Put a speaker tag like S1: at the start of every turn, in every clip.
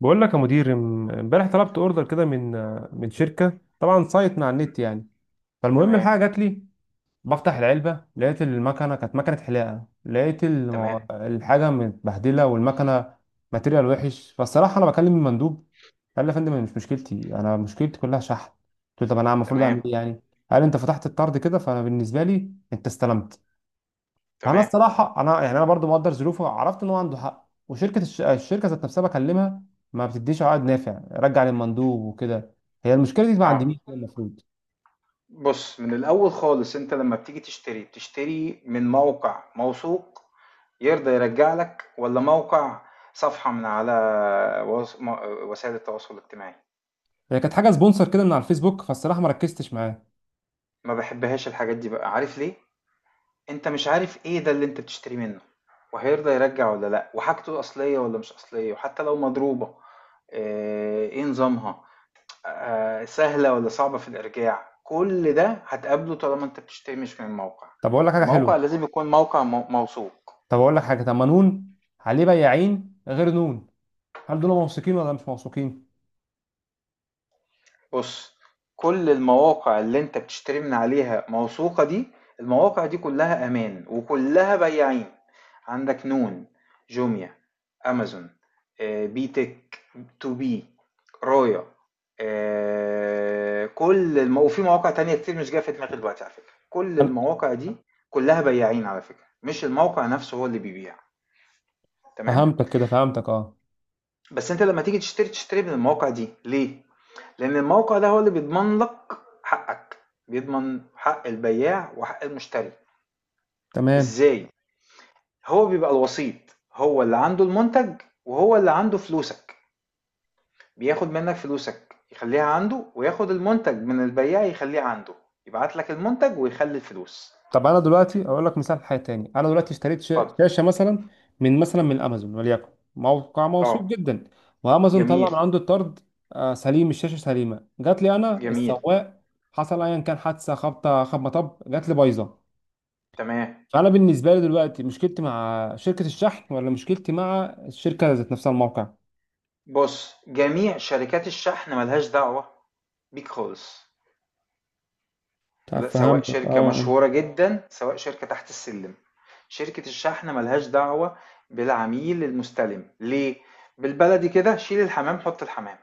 S1: بقول لك يا مدير، امبارح طلبت اوردر كده من شركه، طبعا سايت من على النت يعني. فالمهم
S2: تمام،
S1: الحاجه جات لي، بفتح العلبه لقيت المكنه، كانت مكنه حلاقه، لقيت
S2: تمام،
S1: الحاجه متبهدله والمكنه ماتيريال وحش. فالصراحه انا بكلم المندوب، قال لي يا فندم أنا مش مشكلتي، انا مشكلتي كلها شحن. قلت له طب انا المفروض اعمل
S2: تمام،
S1: ايه يعني؟ قال انت فتحت الطرد كده، فانا بالنسبه لي انت استلمت. فانا
S2: تمام،
S1: الصراحه انا يعني انا برضو مقدر ظروفه، عرفت ان هو عنده حق. وشركه الشركه ذات نفسها بكلمها ما بتديش عقد نافع، رجع للمندوب وكده. هي المشكله دي ما
S2: آه.
S1: عنديش كده، المفروض.
S2: بُص، من الأول خالص أنت لمّا بتيجي تشتري، بتشتري من موقع موثوق يرضى يرجّع لك والّا موقع صفحة من على وس م وسائل التواصل الاجتماعي؟
S1: هي كانت حاجه سبونسر كده من على الفيسبوك، فالصراحه ما ركزتش معاه.
S2: ما باحبهاش الحاجات دي بقى، عارف ليه؟ أنت مش عارف إيه ده اللي أنت بتشتريه منه وهيرضى يرجّع والّا لأ وحاجته أصلية والّا مش أصلية وحتى لو مضروبة، آآ، إيه نظامها؟ سهلة والّا صعبة في الإرجاع، كل ده هتقابله طالما أنت بتشتري مش من موقع،
S1: طب اقول لك حاجه
S2: الموقع
S1: حلوه،
S2: لازم يكون موقع موثوق.
S1: طب اقول لك حاجه، طب ما نون عليه بياعين غير نون، هل دول موثوقين ولا مش موثوقين؟
S2: بُص، كل المواقع اللي أنت بتشتري من عليها موثوقة دي، المواقع دي كلها أمان وكلها بياعين، عندك نون، جوميا، أمازون، بي تِك، تو بي، رايا، كل الم وفي مواقع تانية كتير مش جاية في دماغي دلوقتي على فكرة، كل
S1: هل-
S2: المواقع دي كلها بياعين على فكرة، مش الموقع نفسه هو اللي بيبيع، تمام؟
S1: فهمتك كده، فهمتك اه،
S2: بس أنت لما تيجي تشتري، تشتري من المواقع دي ليه؟ لأن الموقع ده هو اللي بيضمن لك حقك، بيضمن حق البياع وحق المشتري.
S1: تمام.
S2: ازاي؟ هو بيبقى الوسيط، هو اللي عنده المنتج وهو اللي عنده فلوسك، بياخد منك فلوسك يخليها عنده وياخد المنتج من البياع يخليه عنده، يبعت لك المنتج ويخلي الفلوس.
S1: طب انا دلوقتي اقول لك مثال حاجه تاني، انا دلوقتي اشتريت
S2: اتفضل.
S1: شاشه مثلا من مثلا من امازون وليكن، موقع موثوق
S2: اه.
S1: جدا، وامازون طلع
S2: جميل.
S1: من عنده الطرد آه، سليم، الشاشه سليمه، جات لي انا
S2: جميل.
S1: السواق، حصل ايا كان، حادثه، خبطه، خبطه، مطب، جات لي بايظه.
S2: تمام.
S1: فانا بالنسبه لي دلوقتي، مشكلتي مع شركه الشحن ولا مشكلتي مع الشركه ذات نفسها الموقع؟
S2: بص، جميع شركات الشحن ملهاش دعوة بيك خالص.
S1: طب
S2: لا، سواء
S1: فهمتك
S2: شركة
S1: اه،
S2: مشهورة جدا سواء شركة تحت السلم، شركة الشحن ملهاش دعوة بالعميل المستلم. ليه؟ بالبلدي كده، شيل الحمام حط الحمام.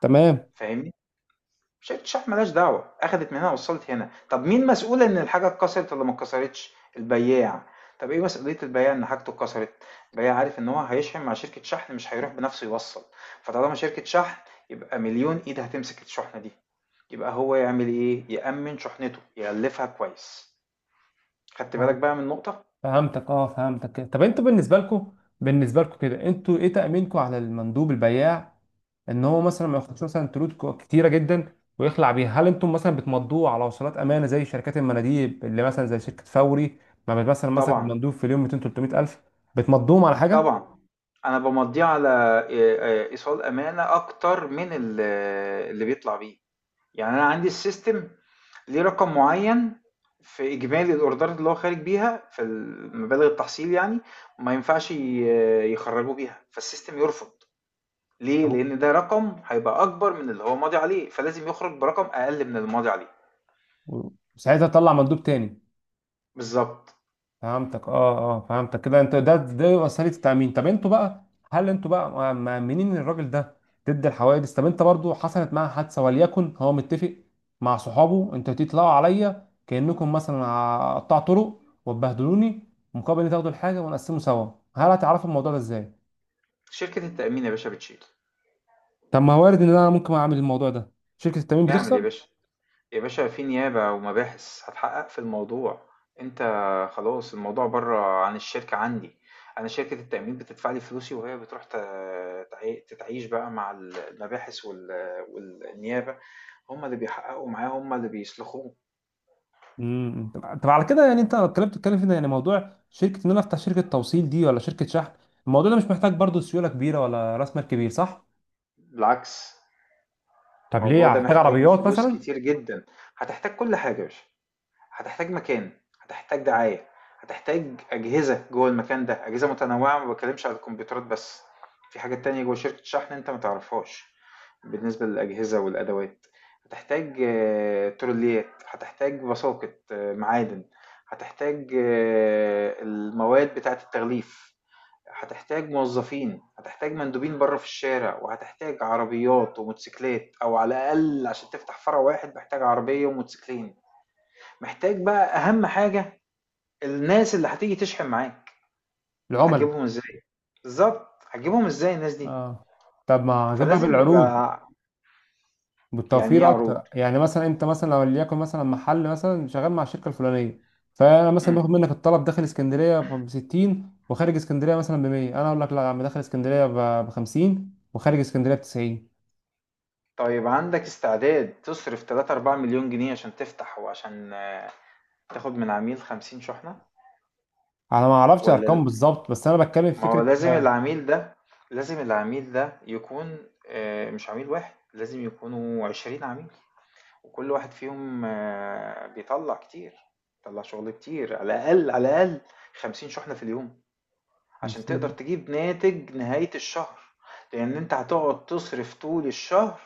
S1: تمام.
S2: فاهمني؟ شركة الشحن ملهاش دعوة، أخدت من هنا وصلت هنا. طب مين مسؤول إن الحاجة اتكسرت ولا ما اتكسرتش؟ البياع. طب إيه مسؤولية البياع إن حاجته اتكسرت؟ البياع عارف إن هو هيشحن مع شركة شحن، مش هيروح بنفسه يوصل. فطالما شركة شحن، يبقى مليون إيد هتمسك الشحنة دي. يبقى هو يعمل ايه؟ يأمن شحنته، يغلفها كويس. خدت بالك
S1: فهمت-
S2: بقى من نقطة؟
S1: فهمتك اه فهمتك كده. طب انتوا بالنسبه لكم كده، انتوا ايه تأمينكم على المندوب البياع ان هو مثلا ما ياخدش مثلا تلوت كتيره جدا ويخلع بيها؟ هل انتم مثلا بتمضوه على وصلات امانه زي شركات المناديب اللي مثلا زي شركه فوري؟ ما بت- مثلا مسك
S2: طبعًا،
S1: المندوب في اليوم 200 300 الف، بتمضوهم على حاجه؟
S2: طبعًا. أنا بامضّيه على إيصال أمانة أكتر من اللي بيطلع بيه. يعني أنا عندي الsystem ليه رقم معيّن في إجمالي الأوردرات اللي هو خارج بيها في المبالغ التحصيل، يعني ما ينفعش يخرّجوه بيها، فالsystem يرفض. ليه؟
S1: طب-
S2: لإن ده رقم هيبقى أكبر من اللي هو ماضي عليه، فلازم يخرج برقم أقل من الماضي عليه.
S1: وساعتها تطلع مندوب تاني.
S2: بالضبط.
S1: فهمتك اه، فهمتك كده. انت ده وسيله التامين، طب انتوا بقى هل انتوا بقى مأمنين الراجل ده ضد الحوادث؟ طب انت برضو حصلت معاه حادثه وليكن، هو متفق مع صحابه انتوا تطلعوا عليا كانكم مثلا قطاع طرق وتبهدلوني مقابل ان تاخدوا الحاجه ونقسمه سوا، هل هتعرفوا الموضوع ده ازاي؟
S2: شركة التأمين يا باشا بتشيل.
S1: طب ما هو وارد ان انا ممكن اعمل الموضوع ده، شركه التامين
S2: اعمل يا
S1: بتخسر.
S2: باشا. يا باشا في نيابة ومباحث هتحقق في الموضوع. انت خلاص، الموضوع بره عن الشركة عندي. انا شركة التأمين بتدفع لي فلوسي وهي بتروح تتعيش بقى مع المباحث والنيابة، هم اللي بيحققوا معاه، هم اللي بيسلخوه.
S1: امم. طب على كده يعني انت الكلام بتتكلم فيه ده يعني موضوع شركه، ان انا افتح شركه توصيل دي ولا شركه شحن؟ الموضوع ده مش محتاج برضو سيوله كبيره ولا راس مال كبير، صح؟
S2: بالعكس،
S1: طب
S2: الموضوع
S1: ليه
S2: ده
S1: هحتاج
S2: محتاج
S1: عربيات
S2: فلوس
S1: مثلا؟
S2: كتير جدا. هتحتاج كل حاجة يا باشا، هتحتاج مكان، هتحتاج دعاية، هتحتاج أجهزة جوه المكان ده، أجهزة متنوعة، ما بتكلمش على الكمبيوترات بس، في حاجات تانية جوه شركة شحن أنت ما تعرفهاش. بالنسبة للأجهزة والأدوات، هتحتاج تروليات، هتحتاج بساقط معادن، هتحتاج المواد بتاعة التغليف، هتحتاج موظفين، هتحتاج مندوبين بره في الشارع، وهتحتاج عربيات وموتوسيكلات، أو على الأقل عشان تفتح فرع واحد محتاج عربية وموتوسيكلين. محتاج بقى اهم حاجه، الناس اللي هتيجي تشحن معاك.
S1: العملاء.
S2: هتجيبهم ازاي؟ بالظبط، هتجيبهم ازاي الناس دي؟
S1: اه، طب ما هجيبها
S2: فلازم
S1: بالعروض،
S2: يبقى. يعني ايه
S1: بالتوفير
S2: عروض؟
S1: اكتر. يعني مثلا انت مثلا لو ليكن مثلا محل مثلا شغال مع الشركه الفلانيه، فانا مثلا
S2: مم.
S1: باخد منك الطلب داخل اسكندريه ب 60 وخارج اسكندريه مثلا ب 100، انا اقول لك لا يا عم، داخل اسكندريه ب 50 وخارج اسكندريه ب 90.
S2: طيب عندك استعداد تصرف 3 4 مليون جنيه عشان تفتح وعشان تاخد من عميل 50 شحنة؟
S1: انا ما اعرفش
S2: ولا
S1: ارقام
S2: ال-،
S1: بالظبط، بس انا بتكلم في
S2: ما هو
S1: فكره.
S2: لازم العميل ده، لازم العميل ده يكون، مش عميل واحد، لازم يكونوا 20 عميل، وكل واحد فيهم بيطلع كتير، بيطلع شغل كتير على الأقل، على الأقل 50 شحنة في اليوم، عشان تقدر
S1: 50.
S2: تجيب ناتج نهاية الشهر. لأن أنت هتقعد تصرف طول الشهر،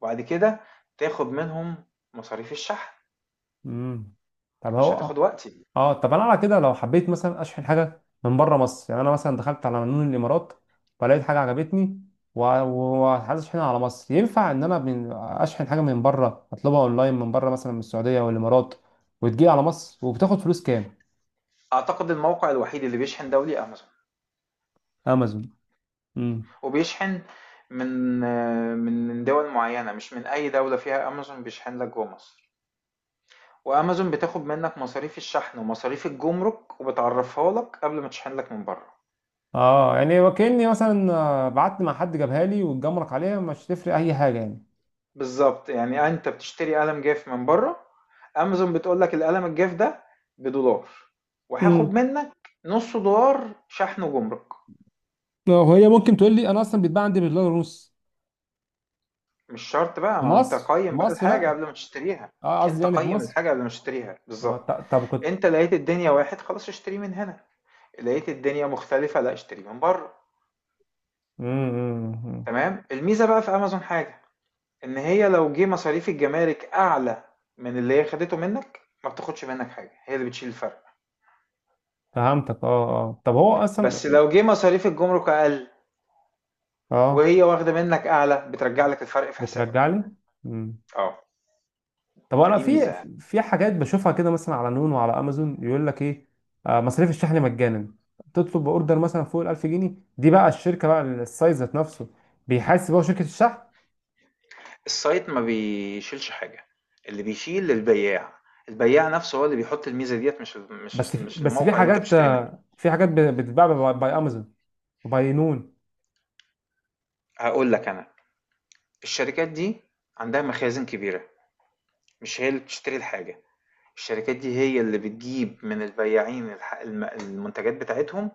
S2: وبعد كده تاخد منهم مصاريف الشحن.
S1: امم. طب
S2: مش
S1: هو،
S2: هتاخد وقت.
S1: اه طب انا على كده لو حبيت مثلا اشحن حاجه من بره مصر، يعني انا مثلا دخلت على منون الامارات فلقيت حاجه عجبتني وعايز اشحنها على مصر، ينفع ان انا اشحن حاجه من بره، اطلبها اونلاين من بره مثلا من السعوديه والامارات وتجي على مصر؟ وبتاخد فلوس كام؟
S2: أعتقد الموقع الوحيد اللي بيشحن دولي أمازون،
S1: امازون. امم.
S2: وبيشحن من من دول معينة، مش من أي دولة فيها أمازون بيشحن لك جوه مصر. وامازون بتاخد منك مصاريف الشحن ومصاريف الجمرك، وبتعرفها لك قبل ما تشحن لك من بره.
S1: اه يعني وكأني مثلا آه، بعت مع حد جابها لي واتجمرك عليها، مش تفرق اي حاجه يعني.
S2: بالظبط. يعني انت بتشتري قلم جاف من بره، امازون بتقول لك القلم الجاف ده بدولار، وهاخد
S1: امم.
S2: منك نص دولار شحن وجمرك.
S1: وهي ممكن تقول لي انا اصلا بيتباع عندي بدولار ونص،
S2: مش شرط بقى،
S1: في
S2: ما انت
S1: مصر، في
S2: قيم بقى
S1: مصر
S2: الحاجة
S1: بقى،
S2: قبل ما تشتريها.
S1: اه قصدي
S2: انت
S1: يعني في
S2: قيم
S1: مصر.
S2: الحاجة قبل ما تشتريها
S1: اه
S2: بالظبط.
S1: طب كنت.
S2: انت لقيت الدنيا واحد، خلاص اشتري من هنا. لقيت الدنيا مختلفة، لا اشتري من بره.
S1: امم.
S2: تمام. الميزة بقى في امازون حاجة، ان هي لو جه مصاريف الجمارك اعلى من اللي هي خدته منك، ما بتاخدش منك حاجه، هي اللي بتشيل الفرق.
S1: فهمتك اه اه، طب هو اصلا.
S2: بس لو جه مصاريف الجمرك اقل،
S1: اه،
S2: وهي واخده منك اعلى، بترجع لك الفرق في
S1: بترجع
S2: حسابك.
S1: لي. امم.
S2: اه،
S1: طب انا
S2: فدي
S1: في
S2: ميزه يعني.
S1: في حاجات بشوفها كده مثلا على نون وعلى امازون، يقول لك ايه آه، مصاريف الشحن مجانا، تطلب اوردر مثلا فوق ال 1000 جنيه. دي بقى الشركه بقى، السايز ذات نفسه بيحاسب هو شركه الشحن؟
S2: السايت ما بيشيلش حاجه، اللي بيشيل البياع. البياع نفسه هو اللي بيحط الميزه ديت، مش
S1: بس
S2: مش
S1: في،
S2: مش
S1: بس في
S2: الموقع اللي انت
S1: حاجات
S2: بتشتري منه.
S1: آه، في حاجات بتتباع باي امازون وباي نون.
S2: هقول لك انا، الشركات دي عندها مخازن كبيره، مش هي اللي بتشتري الحاجه. الشركات دي هي اللي بتجيب من البياعين المنتجات بتاعتهم،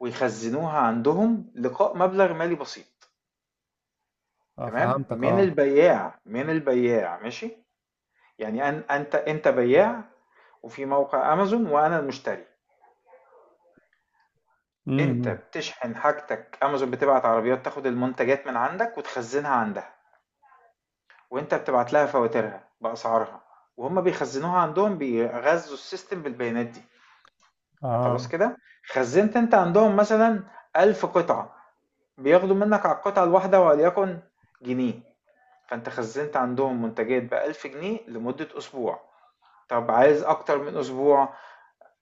S2: ويخزنوها عندهم لقاء مبلغ مالي بسيط.
S1: اه
S2: تمام،
S1: فهمتك
S2: من
S1: اه.
S2: البياع من البياع، ماشي. يعني أن انت بياع، وفي موقع امازون، وانا المشتري. انت
S1: امم.
S2: بتشحن حاجتك، امازون بتبعت عربيات تاخد المنتجات من عندك وتخزنها عندها، وانت بتبعت لها فواتيرها باسعارها، وهم بيخزنوها عندهم، بيغذوا السيستم بالبيانات دي. خلاص
S1: اه
S2: كده. خزنت انت عندهم مثلا 1000 قطعة، بياخدوا منك على القطعة الواحدة وليكن جنيه، فانت خزنت عندهم منتجات ب1000 جنيه لمدة أسبوع. طب عايز أكتر من أسبوع،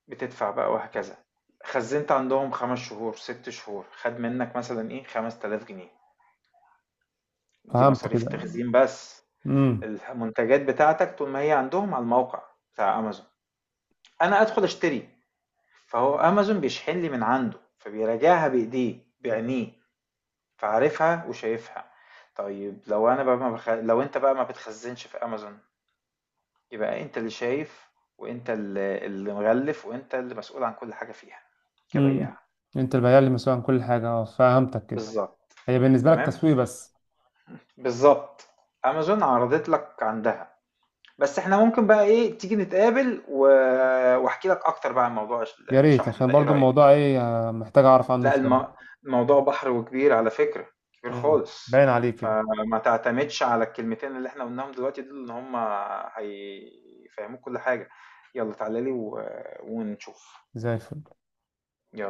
S2: بتدفع بقى وهكذا. خزنت عندهم 5 شهور 6 شهور، خد منك مثلا ايه 5000 جنيه، دي
S1: فهمت
S2: مصاريف
S1: كده.
S2: التخزين بس.
S1: امم.
S2: المنتجات بتاعتك طول ما هي عندهم على الموقع بتاع أمازون، أنا أدخل أشتري، فهو أمازون بيشحن لي من عنده، فبيراجعها بإيديه بعينيه، فعارفها وشايفها. طيب لو انا بقى ما بخ... لو انت بقى ما بتخزنش في امازون، يبقى انت اللي شايف، وانت اللي مغلف، وانت اللي مسؤول عن كل حاجة فيها،
S1: امم،
S2: كبياع.
S1: انت البياع اللي مسؤول عن كل حاجه، اه فهمتك كده.
S2: بالظبط.
S1: هي بالنسبه لك
S2: تمام،
S1: تسويق بس.
S2: بالظبط. امازون عرضت لك عندها، بس احنا ممكن بقى ايه، تيجي نتقابل، و... واحكي لك اكتر بقى عن موضوع
S1: يا ريت،
S2: الشحن
S1: عشان
S2: ده، ايه
S1: برضو
S2: رأيك؟
S1: الموضوع ايه آه، محتاج اعرف عنه
S2: لأ،
S1: شويه.
S2: الموضوع بحر وكبير على فكرة، كبير
S1: امم.
S2: خالص،
S1: باين عليه كده.
S2: فما تعتمدش على الكلمتين اللي إحنا قُلناهم دلوقتي دول إن هم هيفهّموك كل حاجة، يالّا تعالَ لي ونشوف،
S1: زي الفل.
S2: يالّا.